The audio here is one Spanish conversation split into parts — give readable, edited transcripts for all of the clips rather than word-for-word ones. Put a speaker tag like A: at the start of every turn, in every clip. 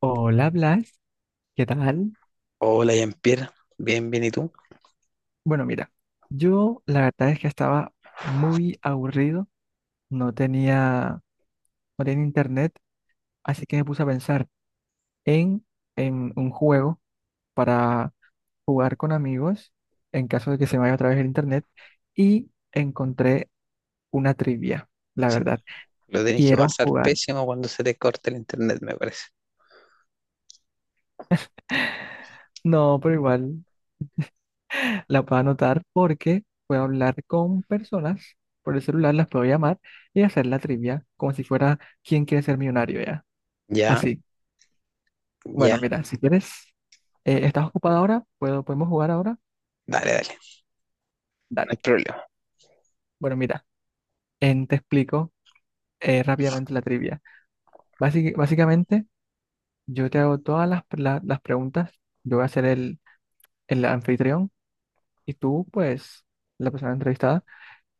A: Hola Blas, ¿qué tal?
B: Hola, Jean-Pierre. Bien, bien, ¿y tú?
A: Bueno, mira, yo la verdad es que estaba muy aburrido, no tenía, no tenía internet, así que me puse a pensar en, en un juego para jugar con amigos en caso de que se me vaya otra vez el internet y encontré una trivia, la
B: Sí,
A: verdad.
B: lo tenés que
A: Quiero
B: pasar
A: jugar.
B: pésimo cuando se te corte el internet, me parece.
A: No, pero igual la puedo anotar porque puedo hablar con personas por el celular, las puedo llamar y hacer la trivia como si fuera Quién Quiere Ser Millonario ya.
B: Ya,
A: Así.
B: ya,
A: Bueno, mira, si quieres, ¿estás ocupada ahora? ¿Podemos jugar ahora?
B: dale, dale, no hay
A: Dale.
B: problema.
A: Bueno, mira, te explico rápidamente la trivia. Básicamente, yo te hago todas las preguntas, yo voy a ser el anfitrión y tú, pues, la persona entrevistada.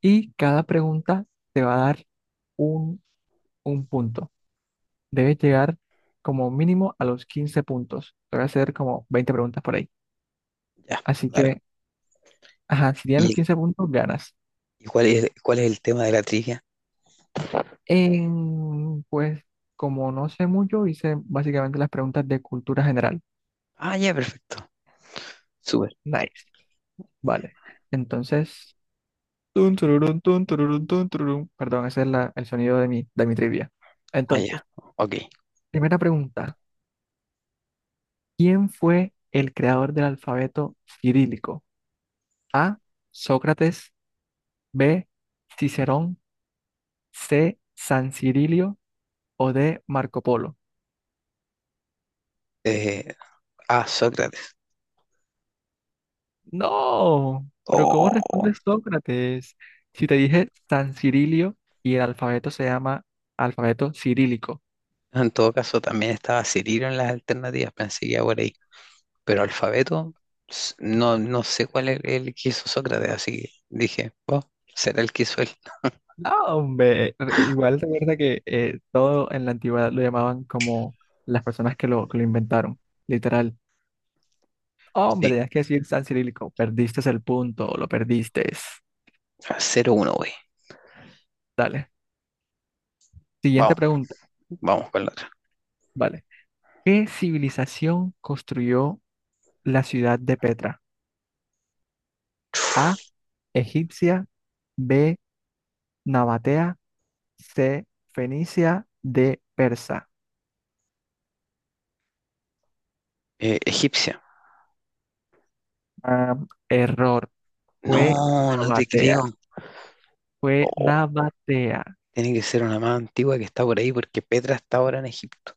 A: Y cada pregunta te va a dar un, un punto. Debes llegar como mínimo a los 15 puntos. Te voy a hacer como 20 preguntas por ahí.
B: Ya,
A: Así
B: dale.
A: que, ajá, si tienes los
B: ¿Y,
A: 15 puntos, ganas.
B: y cuál es el tema de la trivia?
A: Pues, como no sé mucho, hice básicamente las preguntas de cultura general.
B: Ah, ya, perfecto. Súper.
A: Nice. Vale. Entonces, tun, tururún, tun, tururún, tun, tururún. Perdón, ese es el sonido de mi trivia.
B: Ah, ya.
A: Entonces,
B: Ok.
A: primera pregunta. ¿Quién fue el creador del alfabeto cirílico? A, Sócrates. B, Cicerón. C, San Cirilio. O D, Marco Polo.
B: Eh, ah, Sócrates.
A: No, pero ¿cómo
B: Oh.
A: responde Sócrates? Si te dije San Cirilio y el alfabeto se llama alfabeto cirílico.
B: En todo caso, también estaba Cirilo en las alternativas, pensé que iba por ahí. Pero alfabeto, no, no sé cuál es el que hizo Sócrates, así que dije, oh, será el que hizo él.
A: No, hombre, igual recuerda que todo en la antigüedad lo llamaban como las personas que lo inventaron, literal. Hombre,
B: Sí,
A: tenías que decir San Cirílico, perdiste el punto, lo perdiste.
B: 0-1, güey.
A: Dale. Siguiente
B: Vamos,
A: pregunta,
B: vamos con la otra.
A: vale. ¿Qué civilización construyó la ciudad de Petra? A, egipcia. B, nabatea. C, fenicia. D, persa.
B: Egipcia.
A: Ah, error, fue
B: No, no te
A: nabatea,
B: creo.
A: fue
B: Oh,
A: nabatea.
B: tiene que ser una más antigua que está por ahí porque Petra está ahora en Egipto.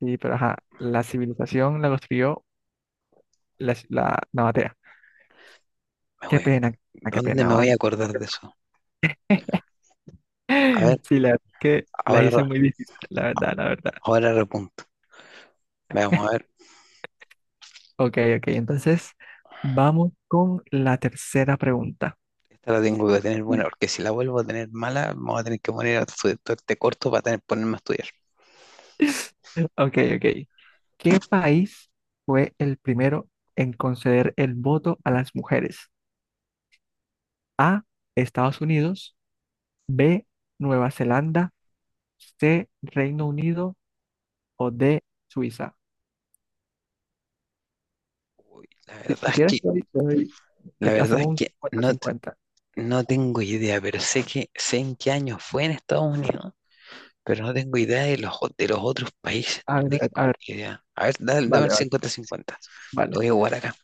A: Sí, pero ajá, la civilización la construyó la nabatea.
B: Me
A: Qué
B: voy-
A: pena, ah, qué
B: ¿Dónde
A: pena,
B: me voy
A: van.
B: a acordar de eso? A ver,
A: Sí, la verdad que las
B: ahora,
A: hice muy difíciles, la verdad, la verdad.
B: ahora repunto. Veamos, a ver.
A: Ok, ok, entonces vamos con la tercera pregunta.
B: Esta la tengo que tener buena porque si la vuelvo a tener mala, vamos a tener que poner a este corto para tener, ponerme a estudiar.
A: Ok, ok. ¿Qué país fue el primero en conceder el voto a las mujeres? A, Estados Unidos. B, Nueva Zelanda. C, Reino Unido. O D, Suiza.
B: La
A: Si,
B: verdad
A: si
B: es
A: quieres,
B: que, la verdad es
A: hacemos un
B: que
A: 50
B: no,
A: cincuenta.
B: no tengo idea, pero sé en qué año fue en Estados Unidos, pero no tengo idea de los otros países, no
A: A
B: tengo
A: ver,
B: ni idea. A ver, dame
A: vale,
B: el
A: vale,
B: 50/50. Lo
A: vale,
B: voy a jugar acá.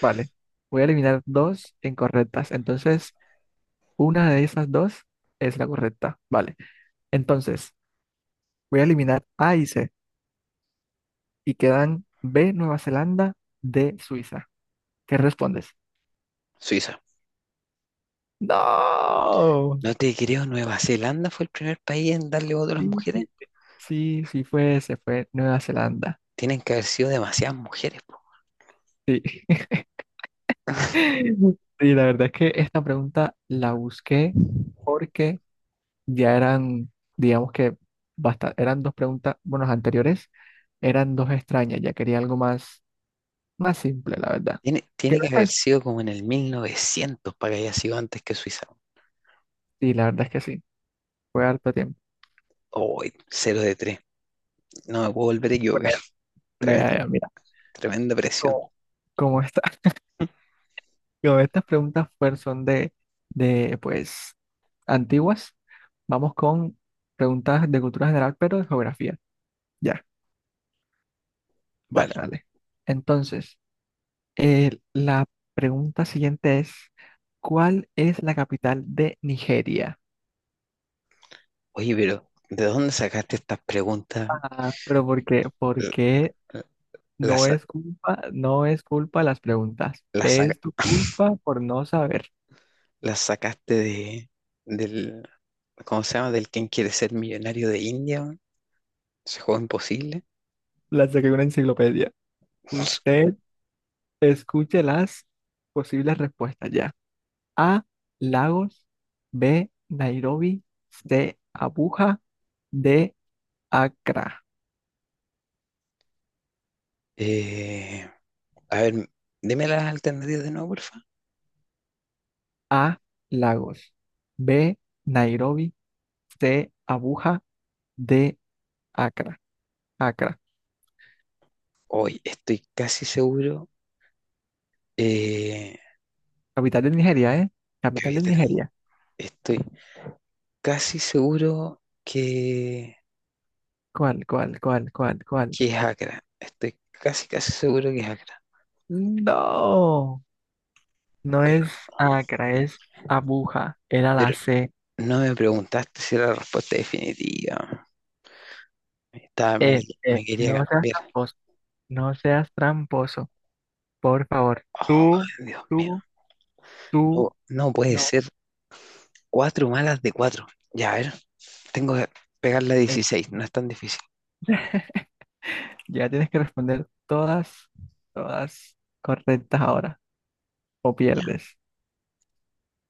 A: vale. Voy a eliminar dos incorrectas. Entonces, una de esas dos es la correcta. Vale. Entonces, voy a eliminar A y C, y quedan B, Nueva Zelanda, D, Suiza. ¿Qué respondes?
B: Suiza.
A: No,
B: No te creo, Nueva Zelanda fue el primer país en darle voto a las
A: sí,
B: mujeres.
A: sí, sí fue, se fue Nueva Zelanda.
B: Tienen que haber sido demasiadas mujeres, po.
A: Sí. Sí, la verdad es que esta pregunta la busqué porque ya eran, digamos que basta, eran dos preguntas, bueno, las anteriores eran dos extrañas, ya quería algo más, más simple, la verdad.
B: Tiene,
A: ¿Qué
B: tiene
A: me
B: que haber
A: estás-
B: sido como en el 1900 para que haya sido antes que Suiza.
A: Sí, la verdad es que sí, fue harto tiempo.
B: Hoy, 0 de 3. No me puedo volver a equivocar.
A: Bueno,
B: Tremenda,
A: ya, ya, mira,
B: tremenda presión.
A: como, como está. Yo, estas preguntas pues, son de, pues, antiguas. Vamos con preguntas de cultura general, pero de geografía. Ya, dale,
B: Vale.
A: dale. Entonces, la pregunta siguiente es, ¿cuál es la capital de Nigeria?
B: Oye, pero ¿de dónde sacaste estas preguntas?
A: Ah, pero ¿por qué?
B: L-
A: Porque
B: l- ¿Las,
A: no
B: sa-
A: es culpa, no es culpa las preguntas.
B: las, saca-
A: Es tu culpa por no saber.
B: las sacaste del, ¿cómo se llama? Del quién quiere ser millonario de India, weón. Ese juego imposible.
A: La saqué de una enciclopedia. Usted escuche las posibles respuestas ya. A, Lagos. B, Nairobi. C, Abuja. D, Accra.
B: Eh, a ver, deme las alternativas de nuevo, porfa.
A: A, Lagos. B, Nairobi. C, Abuja. D, Accra. Accra,
B: Hoy estoy casi seguro. eh,
A: capital de Nigeria, ¿eh?
B: que
A: Capital
B: había
A: de
B: tele-
A: Nigeria.
B: Estoy casi seguro que,
A: ¿Cuál, cuál, cuál, cuál, cuál?
B: que es Acra. Estoy casi, casi seguro que es Acra.
A: No, no
B: Pero,
A: es Accra, es Abuja. Era la
B: pero
A: C.
B: no me preguntaste si era la respuesta definitiva. Estaba, me, me quería
A: No seas
B: cambiar.
A: tramposo, no seas tramposo, por favor.
B: Oh,
A: Tú,
B: Dios mío.
A: tú,
B: No,
A: tú.
B: no puede
A: No.
B: ser. Cuatro malas de cuatro. Ya, a ver. Tengo que pegar la
A: Eh,
B: 16, no es tan difícil.
A: ya tienes que responder todas, todas correctas ahora, o
B: Ya.
A: pierdes.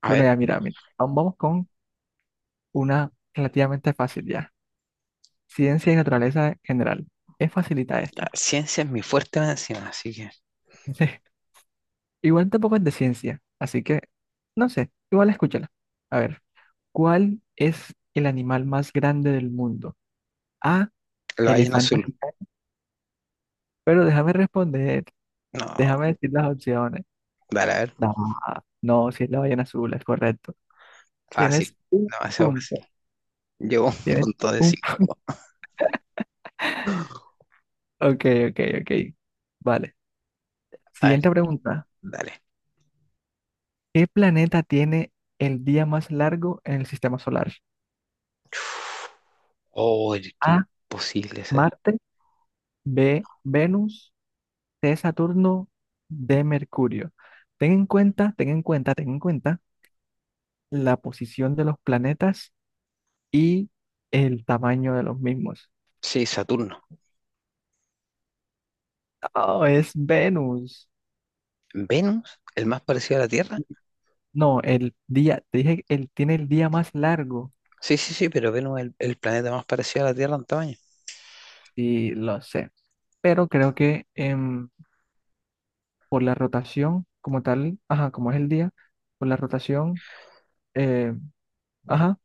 B: A
A: Bueno,
B: ver,
A: ya mira, mira, aún vamos con una relativamente fácil ya. Ciencia y naturaleza en general. Es facilita
B: la
A: esta.
B: ciencia es mi fuerte más encima, así que
A: Sí. Igual tampoco es de ciencia, así que, no sé, igual escúchala. A ver, ¿cuál es el animal más grande del mundo? A,
B: la ballena
A: elefante
B: azul.
A: africano. Pero déjame responder,
B: No,
A: déjame decir las opciones.
B: dale, a ver,
A: No, no, si es la ballena azul, es correcto. Tienes
B: fácil,
A: un
B: demasiado fácil.
A: punto.
B: Llevo un
A: Tienes
B: punto de
A: un...
B: 5.
A: Ok, ok, ok. Vale.
B: A ver,
A: Siguiente pregunta.
B: dale.
A: ¿Qué planeta tiene el día más largo en el sistema solar?
B: Oh, qué
A: A,
B: imposible ser.
A: Marte. B, Venus. C, Saturno. D, Mercurio. Ten en cuenta, ten en cuenta, ten en cuenta la posición de los planetas y el tamaño de los mismos.
B: Sí, Saturno.
A: Oh, es Venus.
B: ¿Venus? ¿El más parecido a la Tierra?
A: No, el día, te dije, él tiene el día más largo.
B: Sí, sí, sí, pero Venus es el planeta más parecido a la Tierra en tamaño.
A: Sí, lo sé. Pero creo que por la rotación como tal, ajá, como es el día, por la rotación, eh, ajá,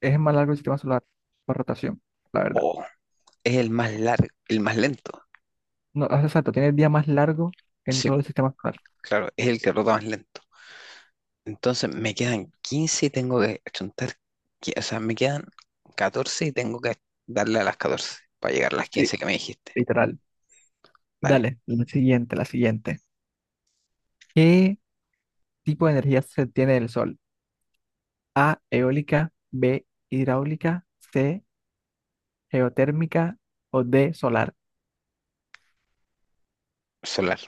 A: es más largo el sistema solar por rotación, la verdad.
B: Oh, es el más largo, el más lento.
A: No, ah, exacto, tiene el día más largo en
B: Sí,
A: todo el sistema solar.
B: claro, es el que rota más lento. Entonces me quedan 15 y tengo que chuntar, o sea, me quedan 14 y tengo que darle a las 14 para llegar a las
A: Sí,
B: 15 que me dijiste.
A: literal.
B: Dale,
A: Dale, la siguiente, la siguiente. ¿Qué tipo de energía se tiene del sol? A, eólica. B, hidráulica. C, geotérmica. O D, solar.
B: solar.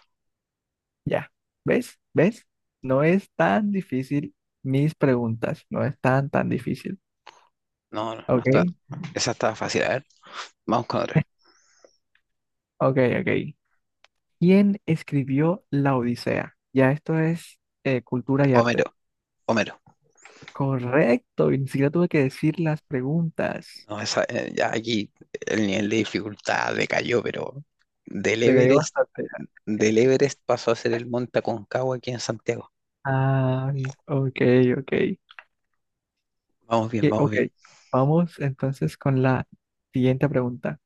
A: Ya, ¿ves? ¿Ves? No es tan difícil mis preguntas, no es tan, tan difícil.
B: No, no, no
A: ¿Ok?
B: está. Esa estaba fácil. A ver, vamos con otra.
A: Ok, ok. ¿Quién escribió La Odisea? Ya esto es cultura y arte.
B: Homero, Homero.
A: Correcto, y ni siquiera tuve que decir las preguntas.
B: No, esa, ya aquí el nivel de dificultad decayó, pero del
A: Te caí
B: Everest,
A: bastante.
B: del
A: Ok.
B: Everest pasó a ser el Monte Aconcagua aquí en Santiago.
A: Ay, ok, ok.
B: Vamos bien, vamos
A: Ok,
B: bien.
A: vamos entonces con la siguiente pregunta.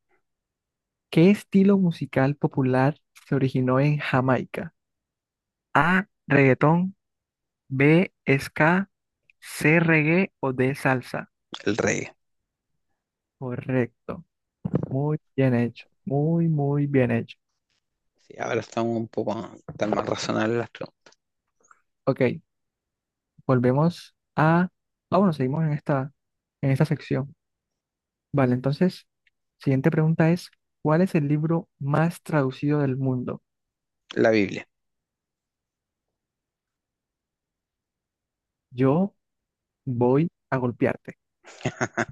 A: ¿Qué estilo musical popular se originó en Jamaica? A, reggaetón. B, ska. C, reggae. O D, salsa.
B: El reggae.
A: Correcto. Muy bien hecho. Muy, muy bien hecho.
B: Sí, ahora estamos un poco tan más razonables las preguntas.
A: Ok, volvemos a... Ah, bueno, seguimos en esta sección. Vale, entonces, siguiente pregunta es, ¿cuál es el libro más traducido del mundo?
B: La Biblia.
A: Yo voy a golpearte.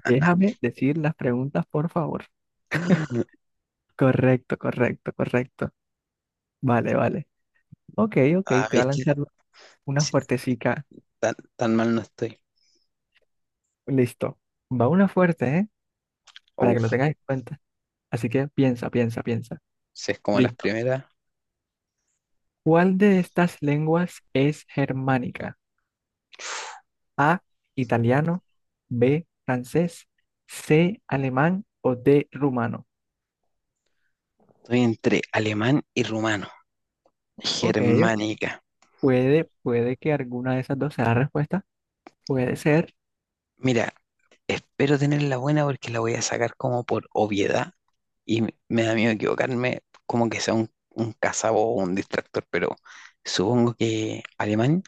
A: Déjame decir las preguntas, por favor. Correcto, correcto, correcto. Vale, vale. Ok, ok, te
B: Ah,
A: voy a
B: ¿viste?
A: lanzar una
B: Sí,
A: fuertecica.
B: tan, tan mal no estoy.
A: Listo. Va una fuerte, ¿eh? Para que lo
B: Uf,
A: tengas en cuenta. Así que piensa, piensa, piensa.
B: si es como las
A: Listo.
B: primeras.
A: ¿Cuál de estas lenguas es germánica? A, italiano. B, francés. C, alemán. O D, rumano.
B: Estoy entre alemán y rumano.
A: Ok, ok.
B: Germánica.
A: Puede que alguna de esas dos sea la respuesta. Puede ser.
B: Mira, espero tenerla buena porque la voy a sacar como por obviedad y me da miedo equivocarme, como que sea un cazabo o un distractor, pero supongo que alemán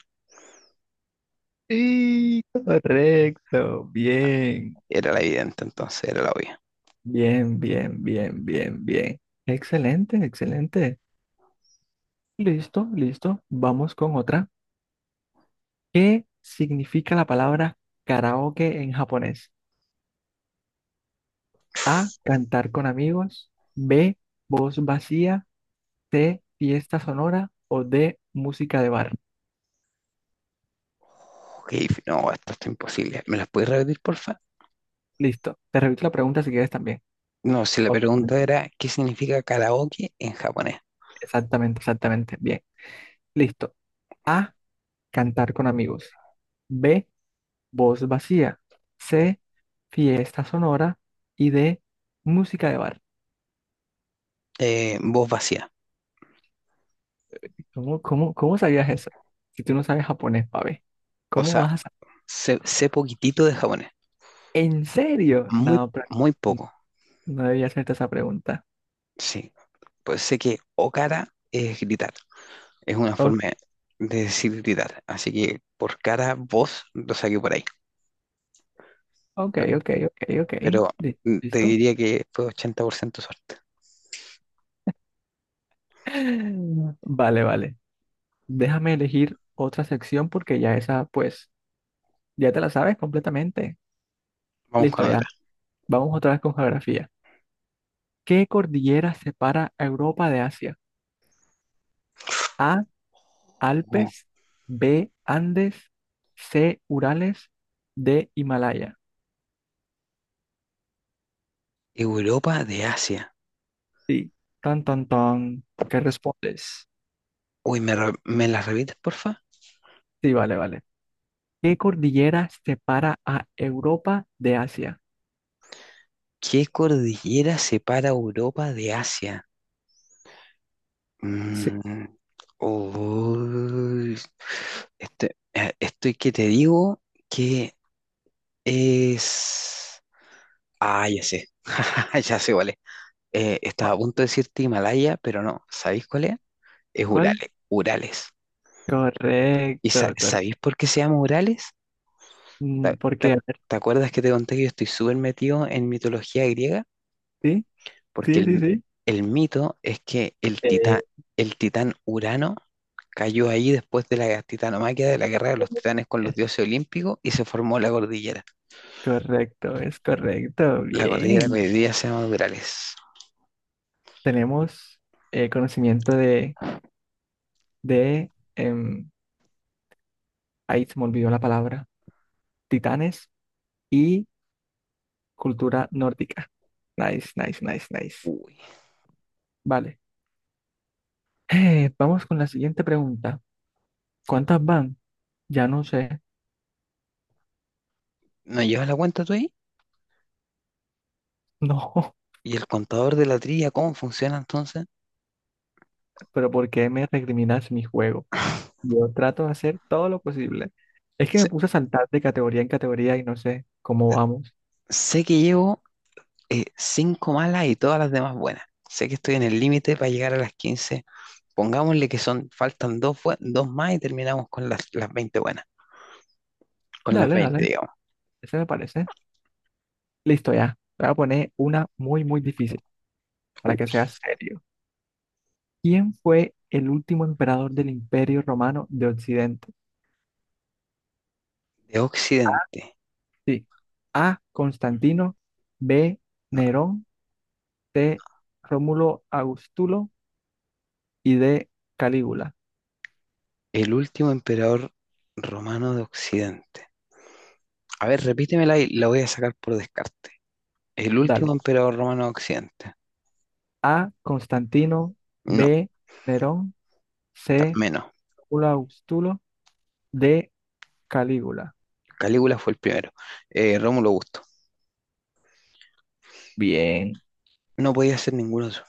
A: Y correcto, bien,
B: era la evidente, entonces era la obvia.
A: bien, bien, bien, bien, bien. Excelente, excelente. Listo, listo. Vamos con otra. ¿Qué significa la palabra karaoke en japonés? A, cantar con amigos. B, voz vacía. De fiesta sonora. O de música de bar.
B: Uf, No, esto está imposible. ¿Me las puedes repetir, porfa?
A: Listo. Te repito la pregunta si quieres también.
B: No, si la
A: O-
B: pregunta era, ¿qué significa karaoke en japonés?
A: Exactamente, exactamente. Bien. Listo. A, cantar con amigos. B, voz vacía. C, fiesta sonora. Y D, música de bar.
B: Voz vacía.
A: ¿Cómo, cómo, cómo sabías eso? Si tú no sabes japonés, pabe.
B: O
A: ¿Cómo
B: sea,
A: vas a sa-
B: sé poquitito de japonés,
A: ¿En serio?
B: muy,
A: No,
B: muy
A: n-
B: poco,
A: no debía hacerte esa pregunta.
B: sí. Pues sé que okara es gritar, es una
A: Ok,
B: forma de decir gritar, así que por cara, voz, lo saqué por ahí,
A: ok, ok, ok, ok.
B: pero te
A: ¿Listo?
B: diría que fue 80% suerte.
A: Vale, vale. Déjame elegir otra sección porque ya esa, pues, ya te la sabes completamente.
B: Vamos con
A: Listo,
B: otra.
A: ya. Vamos otra vez con geografía. ¿Qué cordillera separa a Europa de Asia? A,
B: Oh,
A: Alpes. B, Andes. C, Urales. D, Himalaya.
B: Europa de Asia.
A: Sí. Tan, tan, tan. ¿Qué respondes?
B: Uy, ¿me la repites, porfa?
A: Sí, vale, vale. ¿Qué cordillera separa a Europa de Asia?
B: ¿Qué cordillera separa Europa de Asia?
A: Sí.
B: Mm, Uy, este, estoy que te digo que es. Ah, ya sé. Ya sé cuál es. Estaba
A: ¿Cuál?
B: a punto de decirte Himalaya, pero no. ¿Sabéis cuál es? Es
A: ¿Cuál?
B: Urales. Urales. ¿Y
A: Correcto, correcto.
B: sabéis por qué se llama Urales? ¿Te,
A: ¿Por qué?
B: te-
A: A ver,
B: te acuerdas que te conté que yo estoy súper metido en mitología griega?
A: sí,
B: Porque
A: sí, sí,
B: el,
A: sí.
B: el mito es que el titán,
A: Eh,
B: el titán Urano cayó ahí después de la titanomaquia de la guerra de los titanes con los
A: Es
B: dioses olímpicos y se formó la cordillera.
A: correcto, es correcto.
B: La cordillera que
A: Bien.
B: hoy día se llama Durales.
A: Tenemos conocimiento de, ahí se me olvidó la palabra, titanes y cultura nórdica. Nice, nice, nice, nice.
B: Uy.
A: Vale. Vamos con la siguiente pregunta. ¿Cuántas van? Ya no sé.
B: ¿No llevas la cuenta tú ahí?
A: No,
B: ¿Y el contador de la trilla cómo funciona entonces?
A: pero ¿por qué me recriminas mi juego? Yo trato de hacer todo lo posible. Es que me
B: Sé,
A: puse a saltar de categoría en categoría y no sé cómo vamos.
B: sé que llevo cinco malas y todas las demás buenas. Sé que estoy en el límite para llegar a las quince. Pongámosle que faltan dos, dos más y terminamos con las 20 buenas. Con las
A: Dale, dale.
B: 20.
A: Ese me parece. Listo, ya. Te voy a poner una muy, muy difícil para que sea serio. ¿Quién fue el último emperador del Imperio Romano de Occidente?
B: De Occidente.
A: Sí. A, Constantino. B,
B: No.
A: Nerón. C, Rómulo Augustulo. Y D, Calígula.
B: El último emperador romano de Occidente. A ver, repítemela y la voy a sacar por descarte. El último
A: Dale.
B: emperador romano de Occidente.
A: A, Constantino.
B: No,
A: B, Nerón. C,
B: menos.
A: Rómulo Augustulo. D, Calígula.
B: Calígula fue el primero. Rómulo Augusto.
A: Bien.
B: No podía ser ninguno de esos.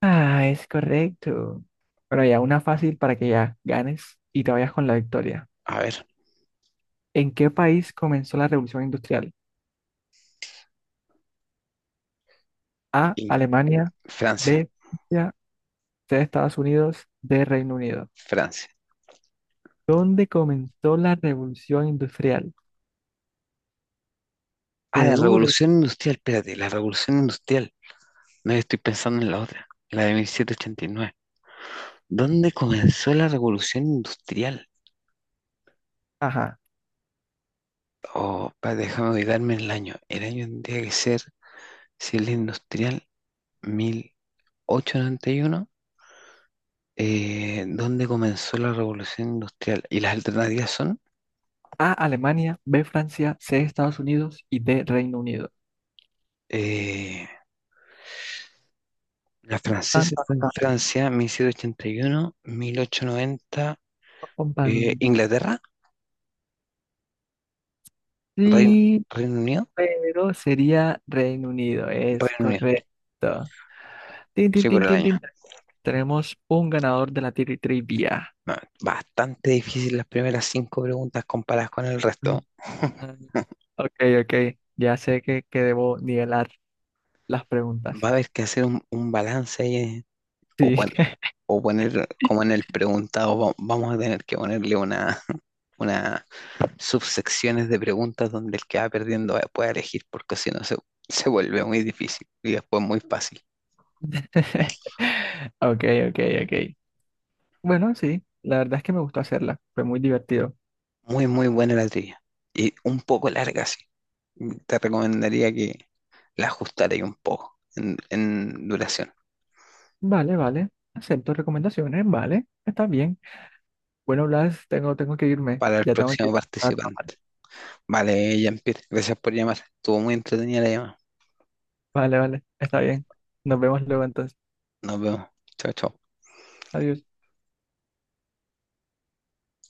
A: Ah, es correcto. Pero ya, una fácil para que ya ganes y te vayas con la victoria.
B: A ver,
A: ¿En qué país comenzó la Revolución Industrial? A,
B: y
A: Alemania.
B: Francia.
A: B, Francia. C, Estados Unidos. D, Reino Unido.
B: Francia.
A: ¿Dónde comenzó la Revolución Industrial?
B: Ah, la
A: Seguro.
B: revolución industrial. Espérate, la revolución industrial. No estoy pensando en la otra. La de 1789. ¿Dónde comenzó la revolución industrial?
A: Ajá.
B: Oh, pa, déjame ubicarme en el año. El año tendría que ser si es la industrial 1891, donde comenzó la revolución industrial. Y las alternativas son,
A: A, Alemania. B, Francia. C, Estados Unidos. Y D, Reino Unido.
B: eh, la francesa fue en
A: Vamos
B: Francia, 1781, 1890,
A: con pan-
B: Inglaterra, Reino,
A: Sí,
B: Reino Unido,
A: pero sería Reino Unido. Es
B: Reino Unido,
A: correcto. Tin, tin,
B: sí, por
A: tin,
B: el
A: tin,
B: año.
A: tin. Tenemos un ganador de la trivia.
B: Ah, bastante difícil las primeras cinco preguntas comparadas con el resto.
A: Mm. Ok, ok. Ya sé que debo nivelar las preguntas.
B: Va a haber que hacer un balance ahí, o,
A: Sí.
B: pon- o poner como en el preguntado, vamos a tener que ponerle una subsecciones de preguntas donde el que va perdiendo puede elegir, porque si no se vuelve muy difícil y después muy fácil.
A: Ok, ok, ok. Bueno, sí, la verdad es que me gustó hacerla. Fue muy divertido.
B: Muy, muy buena la trivia. Y un poco larga, sí. Te recomendaría que la ajustarais un poco en duración
A: Vale, vale. Acepto recomendaciones, vale. Está bien. Bueno, Blas, tengo que irme.
B: para el
A: Ya tengo que
B: próximo
A: ir a trabajar.
B: participante. Vale, Jean-Pierre, gracias por llamar. Estuvo muy entretenida la llamada.
A: Vale, vale. Está bien. Nos vemos luego entonces.
B: Nos vemos. Chao, chao.
A: Adiós.